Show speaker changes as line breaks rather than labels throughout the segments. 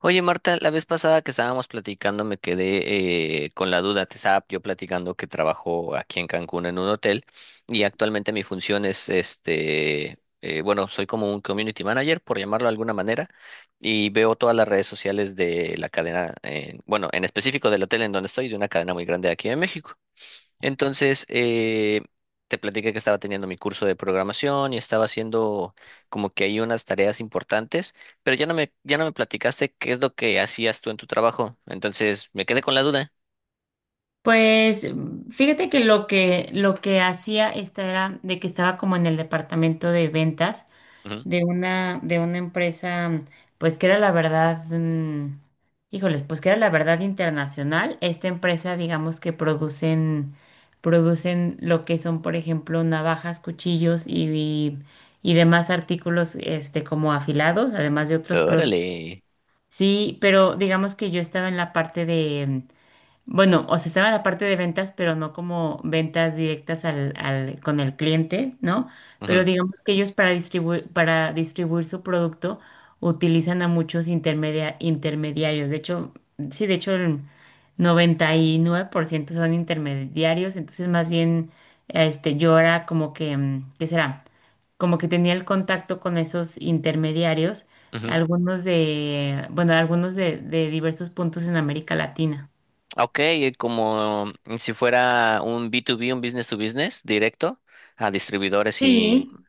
Oye, Marta, la vez pasada que estábamos platicando me quedé con la duda. Te estaba yo platicando que trabajo aquí en Cancún en un hotel y actualmente mi función es, bueno, soy como un community manager, por llamarlo de alguna manera, y veo todas las redes sociales de la cadena, bueno, en específico del hotel en donde estoy, de una cadena muy grande de aquí en México. Entonces, eh, Te platiqué que estaba teniendo mi curso de programación y estaba haciendo como que hay unas tareas importantes, pero ya no me platicaste qué es lo que hacías tú en tu trabajo. Entonces, me quedé con la duda.
Pues mm, fíjate que lo que hacía esta era de que estaba como en el departamento de ventas
Ujú.
de una empresa, pues que era la verdad, híjoles, pues que era la verdad internacional esta empresa. Digamos que producen lo que son, por ejemplo, navajas, cuchillos y y demás artículos este como afilados, además de otros productos.
Órale.
Sí, pero digamos que yo estaba en la parte de bueno, o sea, estaba la parte de ventas, pero no como ventas directas con el cliente, ¿no? Pero
Ujú,
digamos que ellos para distribuir su producto utilizan a muchos intermediarios. De hecho, sí, de hecho el 99% son intermediarios. Entonces, más bien este, yo era como que, mm, ¿qué será? Como que tenía el contacto con esos intermediarios,
ujú.
algunos de, bueno, algunos de diversos puntos en América Latina.
Ok, como si fuera un B2B, un business to business directo a distribuidores y...
Sí,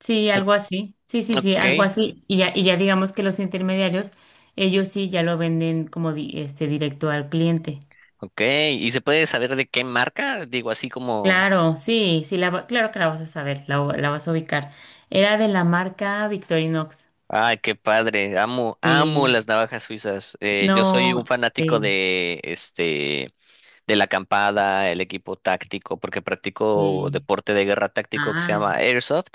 sí, algo así. Sí, sí, sí,
Ok,
algo así. Y ya digamos que los intermediarios, ellos sí ya lo venden como este directo al cliente.
ok. ¿Y se puede saber de qué marca? Digo, así como...
Claro, sí, sí, la, claro que la vas a saber, la vas a ubicar. Era de la marca Victorinox.
Ay, qué padre. Amo, amo
Sí,
las navajas suizas. Yo soy un
no,
fanático
sí,
de este de la acampada, el equipo táctico, porque practico
sí.
deporte de guerra táctico que se
Ah,
llama Airsoft.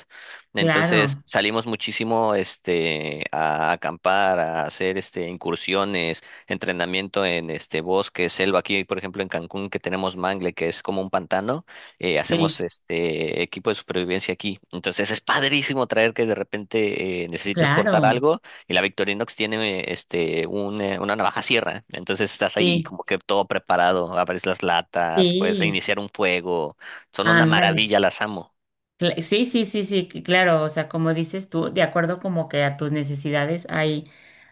Entonces
claro,
salimos muchísimo a acampar, a hacer incursiones, entrenamiento en bosque, selva. Aquí, por ejemplo, en Cancún, que tenemos mangle, que es como un pantano, hacemos
sí,
este equipo de supervivencia aquí. Entonces es padrísimo traer que de repente necesitas cortar
claro,
algo. Y la Victorinox tiene una navaja sierra. Entonces estás ahí
sí,
como que todo preparado. Abres las latas, puedes
sí,
iniciar un fuego. Son una
ándale.
maravilla, las amo.
Sí, sí, sí, sí, que claro, o sea, como dices tú, de acuerdo como que a tus necesidades hay,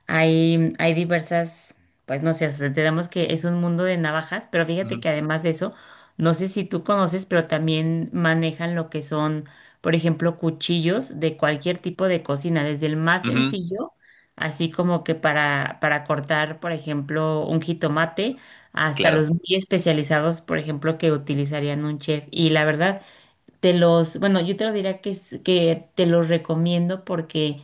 hay, hay diversas, pues no sé, o sea, tenemos que es un mundo de navajas, pero fíjate
Ujú,
que además de eso, no sé si tú conoces, pero también manejan lo que son, por ejemplo, cuchillos de cualquier tipo de cocina, desde el más
ujú,
sencillo, así como que para cortar, por ejemplo, un jitomate, hasta
claro.
los muy especializados, por ejemplo, que utilizarían un chef. Y la verdad, te los, bueno, yo te lo diría que, que te los recomiendo porque,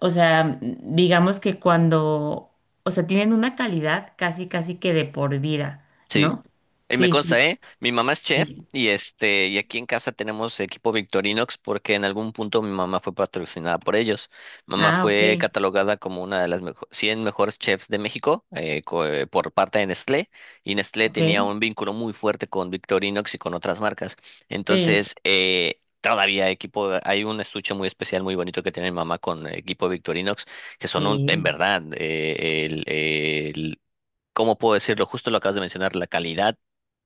o sea, digamos que cuando, o sea, tienen una calidad casi, casi que de por vida,
Sí.
¿no?
Y me
Sí, sí.
consta, ¿eh? Mi mamá es chef
Sí.
y y aquí en casa tenemos equipo Victorinox porque en algún punto mi mamá fue patrocinada por ellos. Mamá
Ah, ok,
fue catalogada como una de las 100 mejores chefs de México por parte de Nestlé y Nestlé
ok.
tenía un vínculo muy fuerte con Victorinox y con otras marcas.
Sí,
Todavía equipo, hay un estuche muy especial, muy bonito que tiene mi mamá con equipo Victorinox, que son un, en
sí,
verdad, el- ¿cómo puedo decirlo? Justo lo acabas de mencionar, la calidad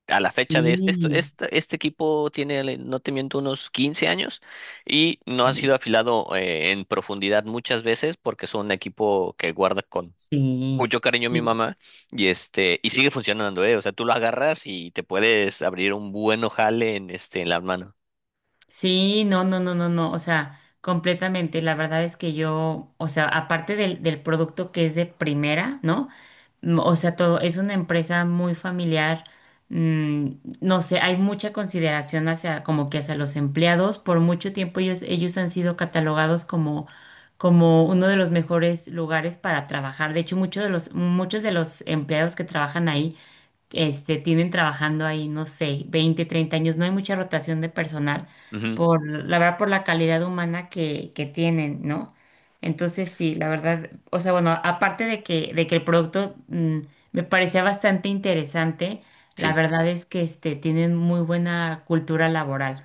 a la fecha de
sí,
este equipo tiene, no te miento, unos 15 años y no ha
sí,
sido afilado en profundidad muchas veces porque es un equipo que guarda con
sí,
mucho cariño mi
sí.
mamá y y sigue funcionando, o sea, tú lo agarras y te puedes abrir un buen ojale en en la mano.
Sí, no, no, no, no, no, o sea, completamente. La verdad es que yo, o sea, aparte del, del producto que es de primera, ¿no? O sea, todo es una empresa muy familiar. mm, no sé, hay mucha consideración hacia como que hacia los empleados. Por mucho tiempo ellos han sido catalogados como, como uno de los mejores lugares para trabajar. De hecho, muchos de los empleados que trabajan ahí, este, tienen trabajando ahí, no sé, 20 30 años. No hay mucha rotación de personal
Ujú,
por, la verdad, por la calidad humana que tienen, ¿no? Entonces, sí, la verdad, o sea, bueno, aparte de que el producto, me parecía bastante interesante, la
sí.
verdad es que este, tienen muy buena cultura laboral.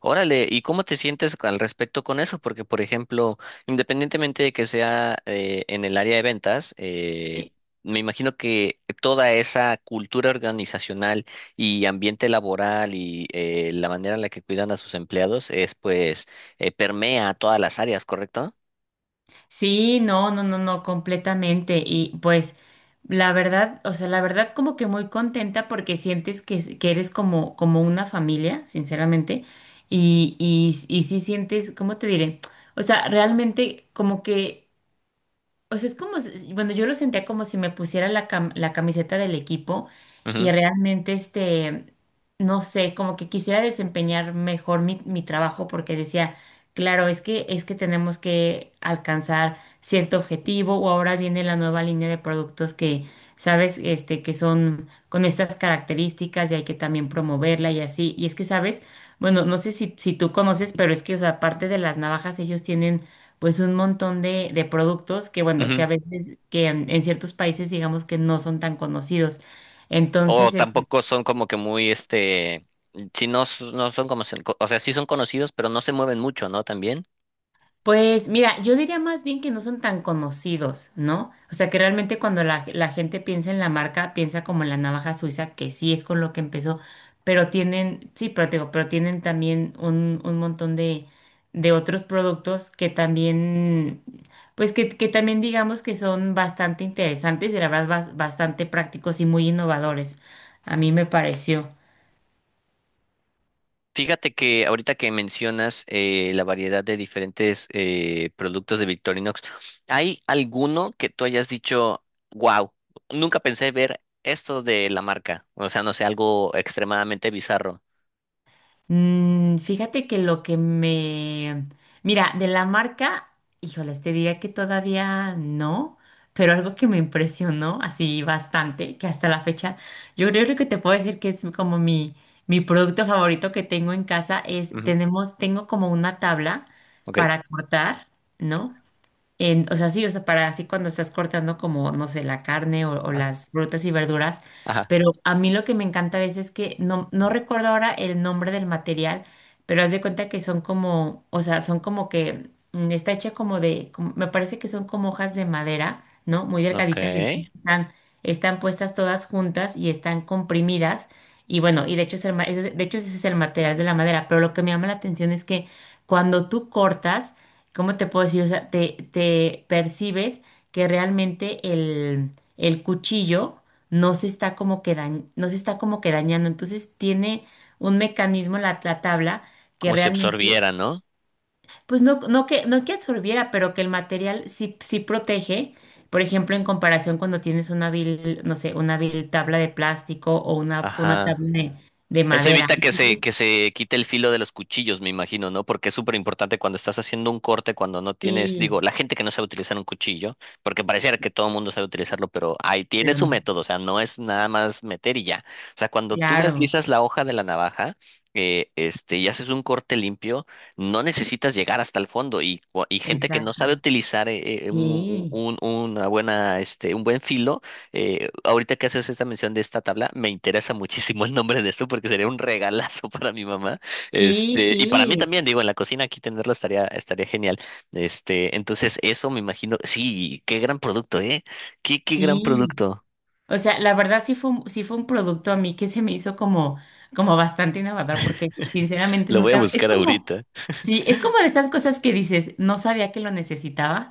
Órale, ¿y cómo te sientes al respecto con eso? Porque, por ejemplo, independientemente de que sea en el área de ventas, me imagino que toda esa cultura organizacional y ambiente laboral y la manera en la que cuidan a sus empleados es, pues, permea a todas las áreas, ¿correcto?
Sí, no, no, no, no, completamente. Y pues la verdad, o sea, la verdad como que muy contenta porque sientes que eres como, como una familia, sinceramente. Y sí sientes, ¿cómo te diré? O sea, realmente como que o sea, es como, bueno, yo lo sentía como si me pusiera la, la camiseta del equipo y
Ujú,
realmente, este, no sé, como que quisiera desempeñar mejor mi, mi trabajo porque decía, claro, es que tenemos que alcanzar cierto objetivo o ahora viene la nueva línea de productos que, sabes, este, que son con estas características y hay que también promoverla y así. Y es que, sabes, bueno, no sé si, si tú conoces, pero es que, o sea, aparte de las navajas, ellos tienen pues un montón de productos que, bueno, que
ujú.
a veces, que en ciertos países digamos que no son tan conocidos.
O
Entonces,
tampoco son como que muy, si no, no son como, o sea, sí son conocidos, pero no se mueven mucho, ¿no? También.
pues mira, yo diría más bien que no son tan conocidos, ¿no? O sea, que realmente cuando la gente piensa en la marca, piensa como en la navaja suiza, que sí es con lo que empezó, pero tienen, sí, pero, te digo, pero tienen también un montón de otros productos que también, pues que también digamos que son bastante interesantes y la verdad bastante prácticos y muy innovadores. A mí me pareció.
Fíjate que ahorita que mencionas la variedad de diferentes productos de Victorinox, ¿hay alguno que tú hayas dicho, wow, nunca pensé ver esto de la marca? O sea, no sé, algo extremadamente bizarro.
Mm, fíjate que lo que me... Mira, de la marca, híjoles, te diría que todavía no, pero algo que me impresionó así bastante, que hasta la fecha, yo creo que te puedo decir que es como mi producto favorito que tengo en casa, es,
Ujú,
tenemos, tengo como una tabla
ok.
para cortar, ¿no? O sea, sí, o sea, para así cuando estás cortando como, no sé, la carne o
Ah,
las frutas y verduras,
ajá.
pero a mí lo que me encanta de ese es que no, no recuerdo ahora el nombre del material, pero haz de cuenta que son como, o sea, son como que está hecha como de, me parece que son como hojas de madera, ¿no? Muy
Ok.
delgaditas, y entonces están, están puestas todas juntas y están comprimidas. Y bueno, y de hecho, es el de hecho ese es el material de la madera, pero lo que me llama la atención es que cuando tú cortas, ¿cómo te puedo decir? O sea, te percibes que realmente el cuchillo no se está como que no se está como que dañando. Entonces tiene un mecanismo la, la tabla que
Como si
realmente,
absorbiera, ¿no?
pues no, no que, no que absorbiera, pero que el material sí, sí protege. Por ejemplo, en comparación cuando tienes una vil, no sé, una vil tabla de plástico o una
Ajá.
tabla de
Eso
madera.
evita que
Entonces,
que se quite el filo de los cuchillos, me imagino, ¿no? Porque es súper importante cuando estás haciendo un corte, cuando no tienes,
sí,
digo, la gente que no sabe utilizar un cuchillo, porque pareciera que todo el mundo sabe utilizarlo, pero ahí tiene
pero
su
no.
método, o sea, no es nada más meter y ya. O sea, cuando tú
Claro,
deslizas la hoja de la navaja, y haces un corte limpio, no necesitas llegar hasta el fondo. Y, y gente que no
exacto.
sabe utilizar
Sí.
una buena, un buen filo ahorita que haces esta mención de esta tabla, me interesa muchísimo el nombre de esto porque sería un regalazo para mi mamá.
Sí,
Y para mí
sí,
también, digo, en la cocina aquí tenerlo estaría, estaría genial. Entonces eso me imagino, sí, qué gran producto, ¿eh? Qué, qué gran
sí.
producto.
O sea, la verdad sí fue un producto a mí que se me hizo como, como bastante innovador, porque sinceramente
Lo voy a
nunca, es
buscar
como,
ahorita.
sí, es como de esas cosas que dices, no sabía que lo necesitaba,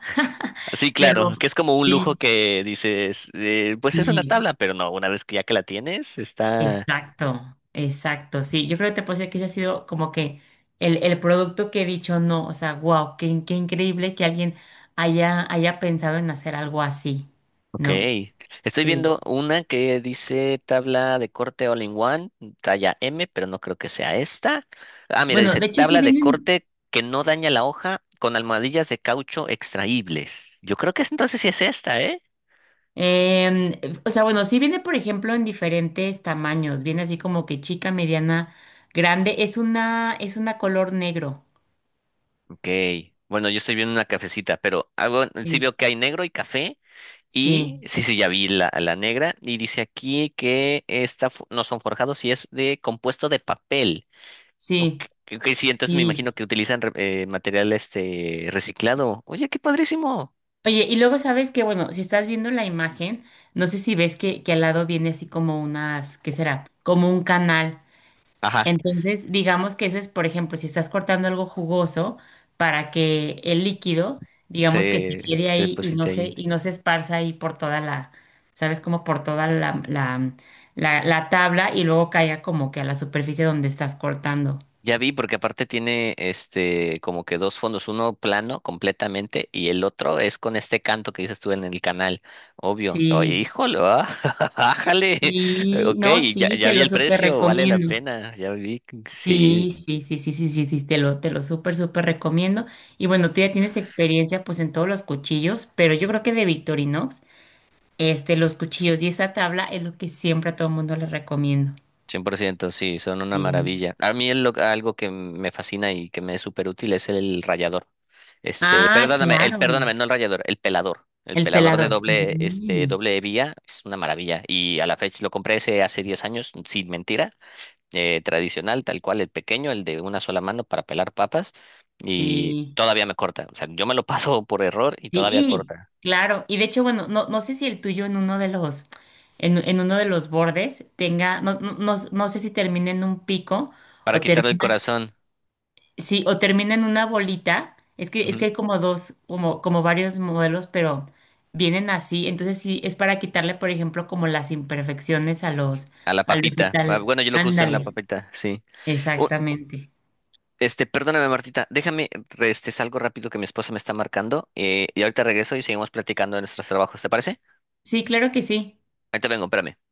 Sí, claro,
pero
que es como un lujo
sí,
que dices, pues es una
sí,
tabla, pero no, una vez que ya que la tienes, está,
exacto, exacto, sí. Yo creo que te puedo decir que ese ha sido como que el producto que he dicho, no, o sea, wow, qué, qué increíble que alguien haya, haya pensado en hacer algo así,
ok,
¿no?
estoy
Sí.
viendo una que dice tabla de corte all in one, talla M, pero no creo que sea esta. Ah, mira,
Bueno,
dice
de hecho sí
tabla de
vienen,
corte que no daña la hoja con almohadillas de caucho extraíbles. Yo creo que entonces sí es esta, ¿eh?
em, o sea, bueno, sí viene, por ejemplo, en diferentes tamaños. Viene así como que chica, mediana, grande. Es una color negro.
Ok, bueno, yo estoy viendo una cafecita, pero algo, sí
Sí,
veo que hay negro y café. Y
sí,
sí, sí, ya vi la negra. Y dice aquí que esta no son forjados y es de compuesto de papel. Ok,
sí.
ok, ok, sí, entonces me
Sí.
imagino que utilizan material este reciclado. Oye, qué padrísimo.
Oye, y luego sabes que, bueno, si estás viendo la imagen, no sé si ves que al lado viene así como unas, ¿qué será? Como un canal.
Ajá,
Entonces, digamos que eso es, por ejemplo, si estás cortando algo jugoso para que el líquido, digamos que se quede
se
ahí
deposita ahí.
y no se esparza ahí por toda la, ¿sabes? Como por toda la tabla y luego caiga como que a la superficie donde estás cortando.
Ya vi, porque aparte tiene este como que dos fondos, uno plano completamente y el otro es con este canto que dices tú en el canal, obvio. Oh,
Sí,
híjole, ah, bájale.
y
Ok,
no,
ya,
sí,
ya
te
vi
lo
el
súper
precio, vale la
recomiendo.
pena, ya vi, sí.
Sí, sí, sí, sí, sí, sí, sí, te lo súper, súper recomiendo. Y bueno, tú ya tienes experiencia pues en todos los cuchillos, pero yo creo que de Victorinox, este, los cuchillos y esa tabla es lo que siempre a todo el mundo les recomiendo.
100%, sí, son una
Sí.
maravilla. A mí algo que me fascina y que me es súper útil es el rallador.
Ah,
Perdóname,
claro,
perdóname, no el rallador, el pelador. El
el
pelador de
pelador,
doble,
sí,
doble vía es una maravilla. Y a la fecha lo compré ese hace 10 años, sin mentira, tradicional, tal cual, el pequeño, el de una sola mano para pelar papas. Y
sí,
todavía me corta. O sea, yo me lo paso por error y
sí,
todavía
y,
corta.
claro, y de hecho, bueno, no, no sé si el tuyo en uno de los, en uno de los bordes tenga, no, no, no, no sé si termina en un pico
Para
o
quitarle el
termina.
corazón,
Sí, o termina en una bolita. Es
ujú,
que hay como dos, como, como varios modelos, pero vienen así. Entonces sí, es para quitarle, por ejemplo, como las imperfecciones a los,
a la
al
papita. Ah,
vegetal.
bueno, yo lo que uso en la
Ándale,
papita, sí.
exactamente.
Perdóname, Martita, déjame, salgo rápido que mi esposa me está marcando y ahorita regreso y seguimos platicando de nuestros trabajos, ¿te parece?
Sí, claro que sí.
Ahorita vengo, espérame.